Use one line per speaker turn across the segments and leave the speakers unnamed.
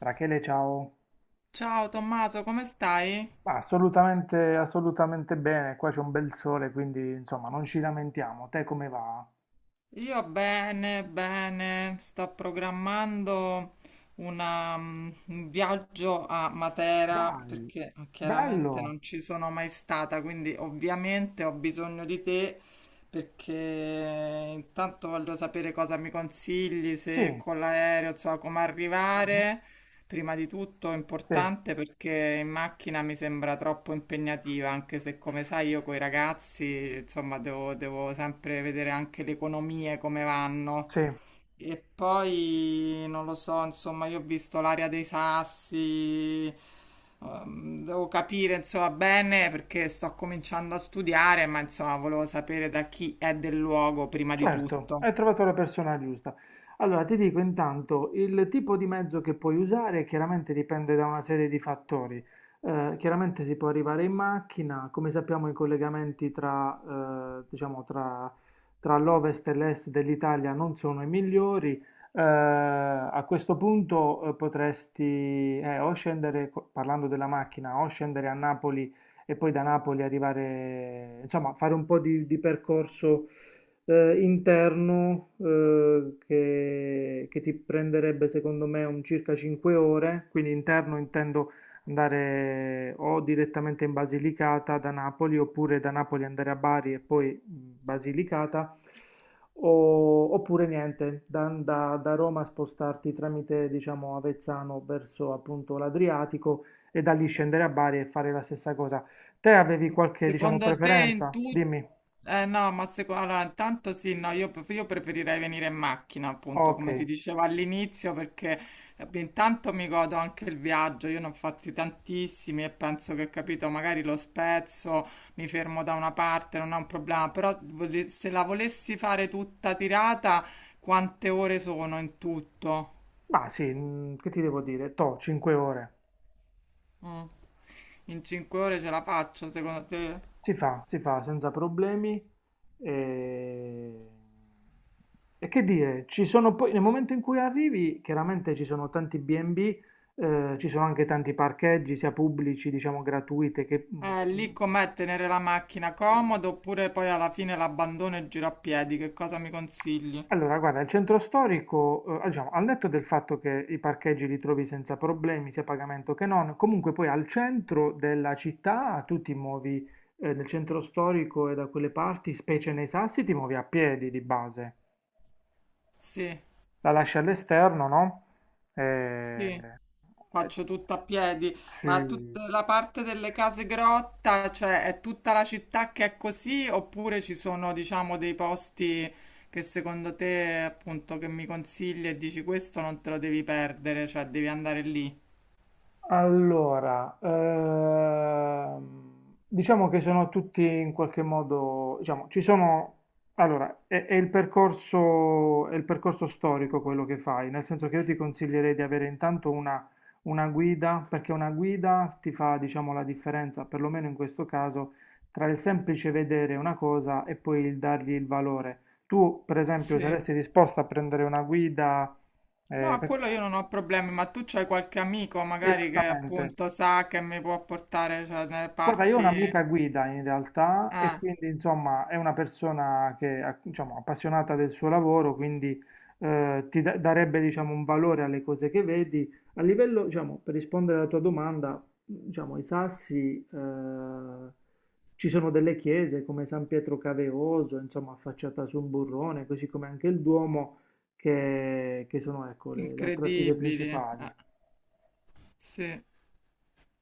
Rachele, ciao.
Ciao Tommaso, come stai?
Ma assolutamente, assolutamente bene, qua c'è un bel sole, quindi insomma non ci lamentiamo. Te come va?
Io bene, bene, sto programmando una, un viaggio a Matera
Dai,
perché chiaramente
bello.
non ci sono mai stata, quindi ovviamente ho bisogno di te perché intanto voglio sapere cosa mi consigli, se
Sì.
con l'aereo, insomma, come
Mhm.
arrivare. Prima di tutto è
Sì,
importante perché in macchina mi sembra troppo impegnativa, anche se come sai io con i ragazzi, insomma, devo sempre vedere anche le economie come vanno.
sì.
E poi non lo so, insomma, io ho visto l'area dei sassi, devo capire, insomma, bene perché sto cominciando a studiare, ma insomma, volevo sapere da chi è del luogo prima di
Certo,
tutto.
hai trovato la persona giusta. Allora, ti dico intanto, il tipo di mezzo che puoi usare chiaramente dipende da una serie di fattori. Chiaramente si può arrivare in macchina, come sappiamo i collegamenti tra, diciamo, tra l'ovest e l'est dell'Italia non sono i migliori. A questo punto potresti o scendere, parlando della macchina, o scendere a Napoli e poi da Napoli arrivare, insomma, fare un po' di percorso interno, che ti prenderebbe secondo me un circa 5 ore, quindi interno intendo andare o direttamente in Basilicata da Napoli, oppure da Napoli andare a Bari e poi Basilicata, oppure niente, da Roma spostarti tramite diciamo Avezzano verso appunto l'Adriatico e da lì scendere a Bari e fare la stessa cosa. Te avevi qualche diciamo
Secondo te in
preferenza?
tutto...
Dimmi.
Eh no, ma allora, intanto sì, no, io, io preferirei venire in macchina, appunto,
Ok.
come ti dicevo all'inizio, perché intanto mi godo anche il viaggio, io ne ho fatti tantissimi e penso che, capito, magari lo spezzo, mi fermo da una parte, non è un problema, però se la volessi fare tutta tirata, quante ore sono in tutto?
Ma sì, che ti devo dire? Toh, 5 ore.
Mm. In 5 ore ce la faccio, secondo te?
Si fa senza problemi. E... e che dire, ci sono poi, nel momento in cui arrivi, chiaramente ci sono tanti B&B, ci sono anche tanti parcheggi, sia pubblici, diciamo gratuite, mm,
Lì com'è tenere la macchina comodo oppure poi alla fine l'abbandono e giro a piedi? Che cosa mi consigli?
allora, guarda, il centro storico, diciamo, al netto del fatto che i parcheggi li trovi senza problemi, sia a pagamento che non, comunque poi al centro della città tu ti muovi, nel centro storico e da quelle parti, specie nei Sassi, ti muovi a piedi di base.
Sì,
La lasci all'esterno, no?
sì,
Eh, eh,
faccio tutta a piedi, ma
sì.
tutta la parte delle case grotta, cioè è tutta la città che è così oppure ci sono, diciamo, dei posti che secondo te, appunto, che mi consigli e dici questo non te lo devi perdere, cioè devi andare lì?
Allora, diciamo che sono tutti in qualche modo, diciamo, ci sono, allora, è il percorso storico quello che fai, nel senso che io ti consiglierei di avere intanto una guida, perché una guida ti fa, diciamo, la differenza, perlomeno in questo caso, tra il semplice vedere una cosa e poi il dargli il valore. Tu, per esempio,
Sì.
saresti disposta a prendere una guida,
No,
eh,
a
per-
quello io non ho problemi, ma tu c'hai qualche amico magari che
esattamente.
appunto sa che mi può portare, cioè, nelle
Guarda, io ho
parti
un'amica guida in realtà e
eh,
quindi insomma è una persona che è diciamo, appassionata del suo lavoro, quindi ti darebbe diciamo, un valore alle cose che vedi. A livello, diciamo, per rispondere alla tua domanda, diciamo, i Sassi, ci sono delle chiese come San Pietro Caveoso, insomma, affacciata su un burrone, così come anche il Duomo, che sono ecco, le attrattive
incredibili.
principali.
Eh, sì.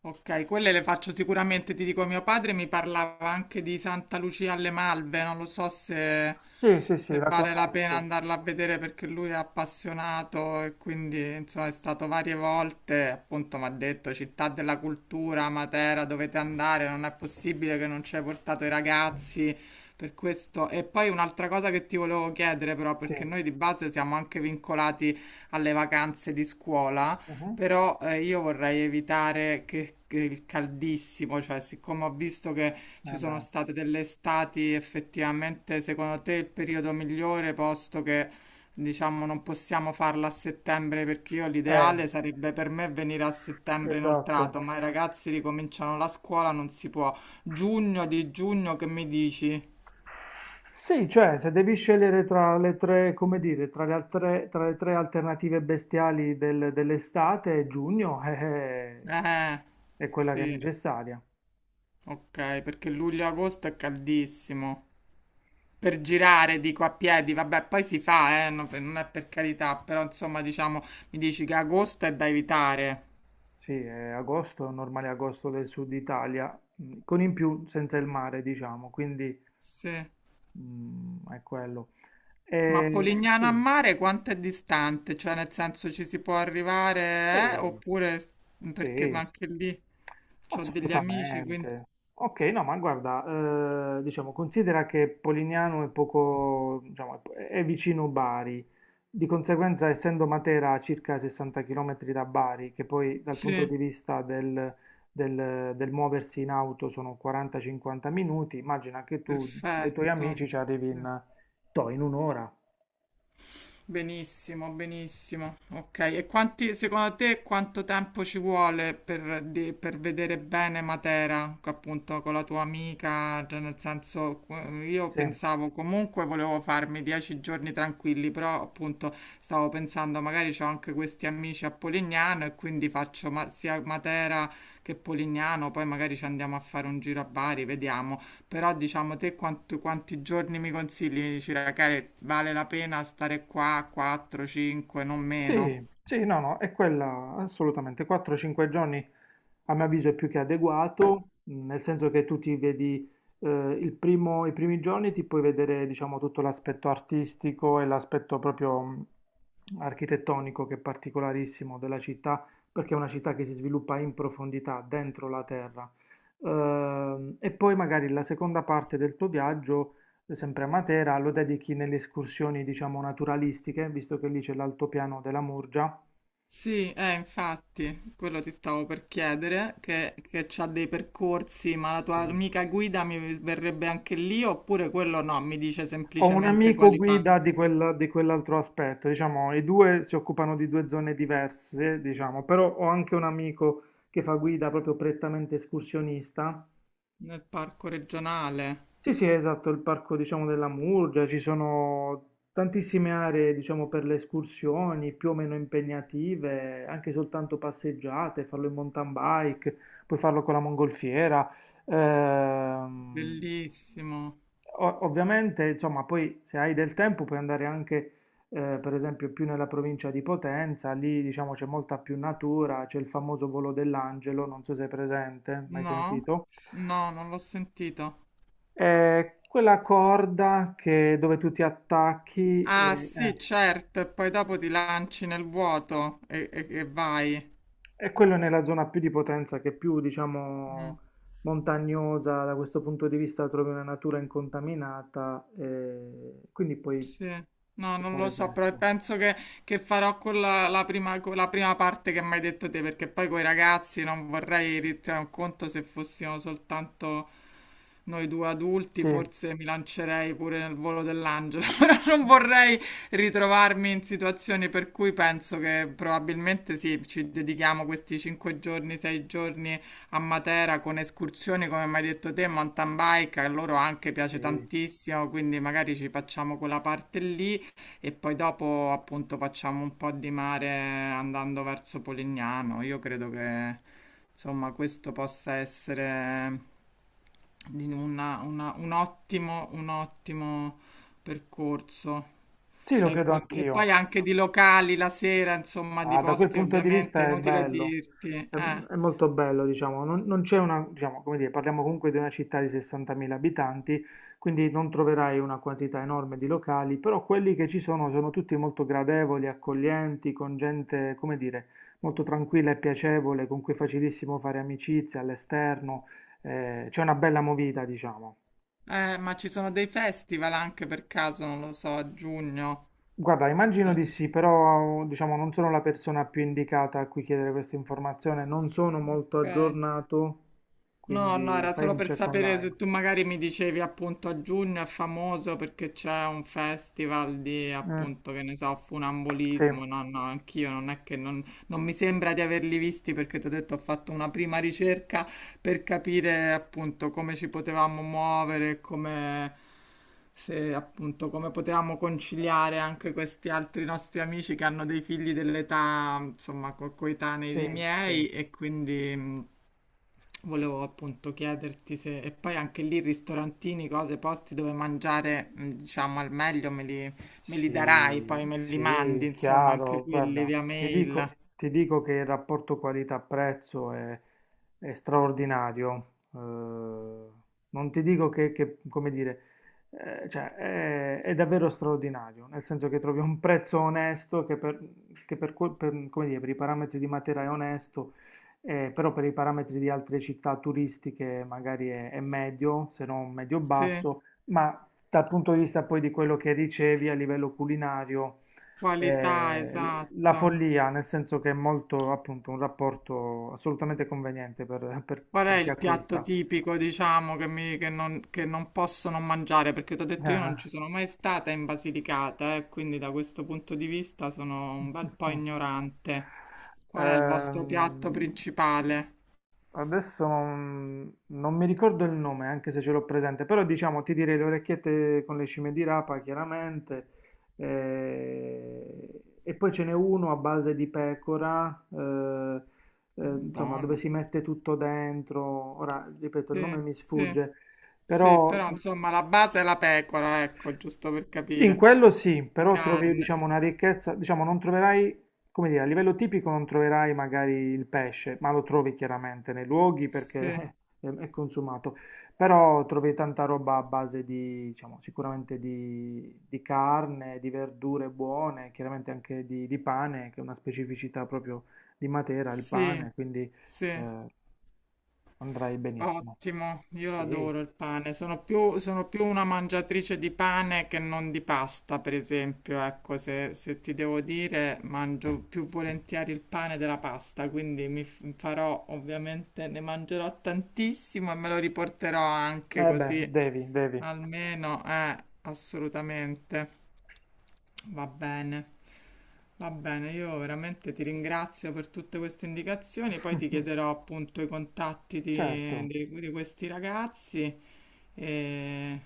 Ok, quelle le faccio sicuramente, ti dico, mio padre mi parlava anche di Santa Lucia alle Malve, non lo so se,
Sì, sì, sì,
se
la
vale la pena
conosco.
andarla a vedere perché lui è appassionato e quindi insomma è stato varie volte, appunto mi ha detto città della cultura, Matera, dovete andare, non è possibile che non ci hai portato i ragazzi per questo. E poi un'altra cosa che ti volevo chiedere però,
Sì.
perché noi di base siamo anche vincolati alle vacanze di scuola.
Mhm.
Però io vorrei evitare che il caldissimo, cioè siccome ho visto che ci
Eh
sono
beh.
state delle estati, effettivamente secondo te il periodo migliore, posto che diciamo non possiamo farla a settembre, perché io
Eh,
l'ideale sarebbe per me venire a settembre
esatto.
inoltrato, ma i ragazzi ricominciano la scuola, non si può. Giugno di giugno, che mi dici?
Sì, cioè, se devi scegliere tra le tre, come dire, tra le altre, tra le tre alternative bestiali dell'estate, giugno
Eh,
è quella che è
sì,
necessaria.
ok, perché luglio-agosto e agosto è caldissimo. Per girare, dico a piedi, vabbè, poi si fa, non è per carità, però insomma, diciamo, mi dici che agosto è da evitare.
Sì, è agosto, normale agosto del sud Italia, con in più senza il mare, diciamo, quindi
Sì.
è quello.
Ma Polignano a
Sì,
mare quanto è distante? Cioè, nel senso ci si può arrivare, eh?
sì,
Oppure perché ma
sì.
anche lì ho degli amici, quindi
Assolutamente. Okay, no, ma guarda, diciamo considera che Polignano è poco diciamo è vicino Bari, di conseguenza essendo Matera a circa 60 chilometri da Bari, che poi dal
sì,
punto di vista del muoversi in auto sono 40, 50 minuti, immagina che tu ai tuoi
perfetto.
amici ci arrivi
Sì.
in toh, in 1 ora.
Benissimo, benissimo. Ok, e quanti, secondo te quanto tempo ci vuole per, per vedere bene Matera, appunto con la tua amica? Cioè, nel senso, io
Sì.
pensavo comunque volevo farmi 10 giorni tranquilli, però appunto stavo pensando magari ho anche questi amici a Polignano e quindi faccio sia Matera che Polignano, poi magari ci andiamo a fare un giro a Bari, vediamo. Però diciamo te quanti giorni mi consigli? Mi dici, Rachele, vale la pena stare qua 4, 5, non meno?
Sì, sì, no, no, è quella assolutamente. 4-5 giorni a mio avviso è più che adeguato, nel senso che tu ti vedi, i primi giorni ti puoi vedere, diciamo, tutto l'aspetto artistico e l'aspetto proprio, architettonico che è particolarissimo della città, perché è una città che si sviluppa in profondità, dentro la terra. E poi magari la seconda parte del tuo viaggio sempre a Matera, lo dedichi nelle escursioni, diciamo, naturalistiche, visto che lì c'è l'altopiano della Murgia.
Sì, infatti, quello ti stavo per chiedere, che c'ha dei percorsi, ma la tua
Sì.
amica guida mi verrebbe anche lì oppure quello no, mi dice
Ho un
semplicemente
amico
quali fa
guida di quell'altro aspetto, diciamo, i due si occupano di due zone diverse, diciamo, però ho anche un amico che fa guida proprio prettamente escursionista.
nel parco regionale.
Sì, sì, esatto, il parco, diciamo, della Murgia, ci sono tantissime aree, diciamo, per le escursioni, più o meno impegnative, anche soltanto passeggiate, farlo in mountain bike, puoi farlo con la mongolfiera. Ehm,
Bellissimo.
Ovviamente, insomma, poi se hai del tempo puoi andare anche, per esempio, più nella provincia di Potenza, lì, diciamo, c'è molta più natura, c'è il famoso Volo dell'Angelo, non so se è presente, mai
No?
sentito?
No, non l'ho sentito.
È quella corda dove tu ti attacchi,
Ah sì, certo, e poi dopo ti lanci nel vuoto e, e vai.
è quello nella zona più di Potenza, che è più, diciamo,
Mm,
montagnosa, da questo punto di vista trovi una natura incontaminata, e quindi puoi
sì. No, non lo
fare
so, però
questo.
penso che farò quella, la prima, con la prima parte che mi hai detto te, perché poi con i ragazzi non vorrei, cioè, un conto se fossimo soltanto noi due adulti,
Sì,
forse mi lancerei pure nel volo dell'angelo, però non vorrei ritrovarmi in situazioni per cui penso che probabilmente sì, ci dedichiamo questi 5 giorni, 6 giorni a Matera con escursioni, come mi hai detto te, mountain bike, a loro anche piace
sì,
tantissimo, quindi magari ci facciamo quella parte lì e poi dopo appunto facciamo un po' di mare andando verso Polignano. Io credo che insomma questo possa essere di un ottimo percorso.
sì, lo
Cioè,
credo
e
anch'io.
poi anche di locali la sera, insomma, di
Ah, da quel
posti
punto di
ovviamente, è
vista è
inutile
bello,
dirti.
è molto bello, diciamo, non c'è una, diciamo, come dire, parliamo comunque di una città di 60.000 abitanti, quindi non troverai una quantità enorme di locali, però quelli che ci sono sono tutti molto gradevoli, accoglienti, con gente, come dire, molto tranquilla e piacevole, con cui è facilissimo fare amicizia all'esterno. C'è una bella movida, diciamo.
Ma ci sono dei festival anche per caso, non lo so, a giugno.
Guarda, immagino
Eh,
di sì, però diciamo non sono la persona più indicata a cui chiedere questa informazione, non sono molto
Ok.
aggiornato,
No, no,
quindi
era
fai
solo
un
per
check
sapere
online.
se tu magari mi dicevi appunto a giugno è famoso perché c'è un festival di
Mm,
appunto che ne so,
sì,
funambulismo. No, no, anch'io non è che non, non mi sembra di averli visti perché ti ho detto ho fatto una prima ricerca per capire appunto come ci potevamo muovere, come se appunto come potevamo conciliare anche questi altri nostri amici che hanno dei figli dell'età, insomma, coetanei
sì,
dei
sì.
miei e quindi volevo appunto chiederti se, e poi anche lì ristorantini, cose, posti dove mangiare, diciamo, al meglio me li darai,
Sì,
poi me li mandi,
sì,
insomma, anche
chiaro.
quelli
Guarda,
via mail.
ti dico che il rapporto qualità-prezzo è straordinario. Non ti dico che, come dire, cioè, è davvero straordinario, nel senso che trovi un prezzo onesto che per come dire, per i parametri di Matera è onesto, però per i parametri di altre città turistiche magari è medio, se non
Sì,
medio-basso. Ma dal punto di vista poi di quello che dicevi a livello culinario,
qualità,
la
esatto.
follia, nel senso che è molto appunto un rapporto assolutamente conveniente
Qual è
per chi
il piatto
acquista.
tipico, diciamo, che, che non posso non mangiare? Perché ti ho detto io non
Ah.
ci sono mai stata in Basilicata, quindi da questo punto di vista sono un bel po' ignorante. Qual è il vostro piatto
Ehm,
principale?
adesso non mi ricordo il nome, anche se ce l'ho presente, però diciamo ti direi le orecchiette con le cime di rapa, chiaramente. E poi ce n'è uno a base di pecora, insomma, dove
Buono.
si mette tutto dentro. Ora, ripeto, il nome
Sì,
mi
sì,
sfugge,
sì,
però
però insomma la base è la pecora, ecco, giusto per
sì, in
capire.
quello sì,
Di
però trovi,
carne.
diciamo,
Ok.
una ricchezza, diciamo, non troverai, come dire, a livello tipico non troverai magari il pesce, ma lo trovi chiaramente nei luoghi perché
Sì,
è consumato, però trovi tanta roba a base di, diciamo, sicuramente di carne, di verdure buone, chiaramente anche di pane, che è una specificità proprio di Matera, il
sì,
pane, quindi
sì.
eh, andrai benissimo.
Ottimo, io lo
Sì.
adoro il pane. Sono più una mangiatrice di pane che non di pasta, per esempio. Ecco, se, se ti devo dire, mangio più volentieri il pane della pasta, quindi farò ovviamente, ne mangerò tantissimo e me lo riporterò anche
Eh beh,
così,
devi, devi,
almeno, assolutamente. Va bene, va bene, io veramente ti ringrazio per tutte queste indicazioni, poi ti chiederò appunto i contatti di,
certo,
di questi ragazzi e,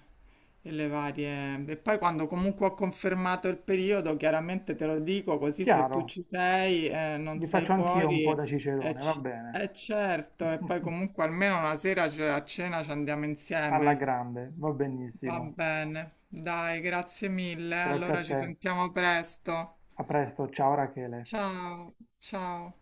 e le varie... E poi quando comunque ho confermato il periodo, chiaramente te lo dico, così se tu
chiaro.
ci sei, non
Vi
sei
faccio anch'io un
fuori,
po' da
è,
cicerone, va bene.
certo, e poi comunque almeno una sera a cena ci andiamo
Alla
insieme.
grande, va
Va
benissimo.
bene, dai, grazie mille.
Grazie a
Allora ci
te.
sentiamo presto.
A presto, ciao Rachele.
Ciao, ciao.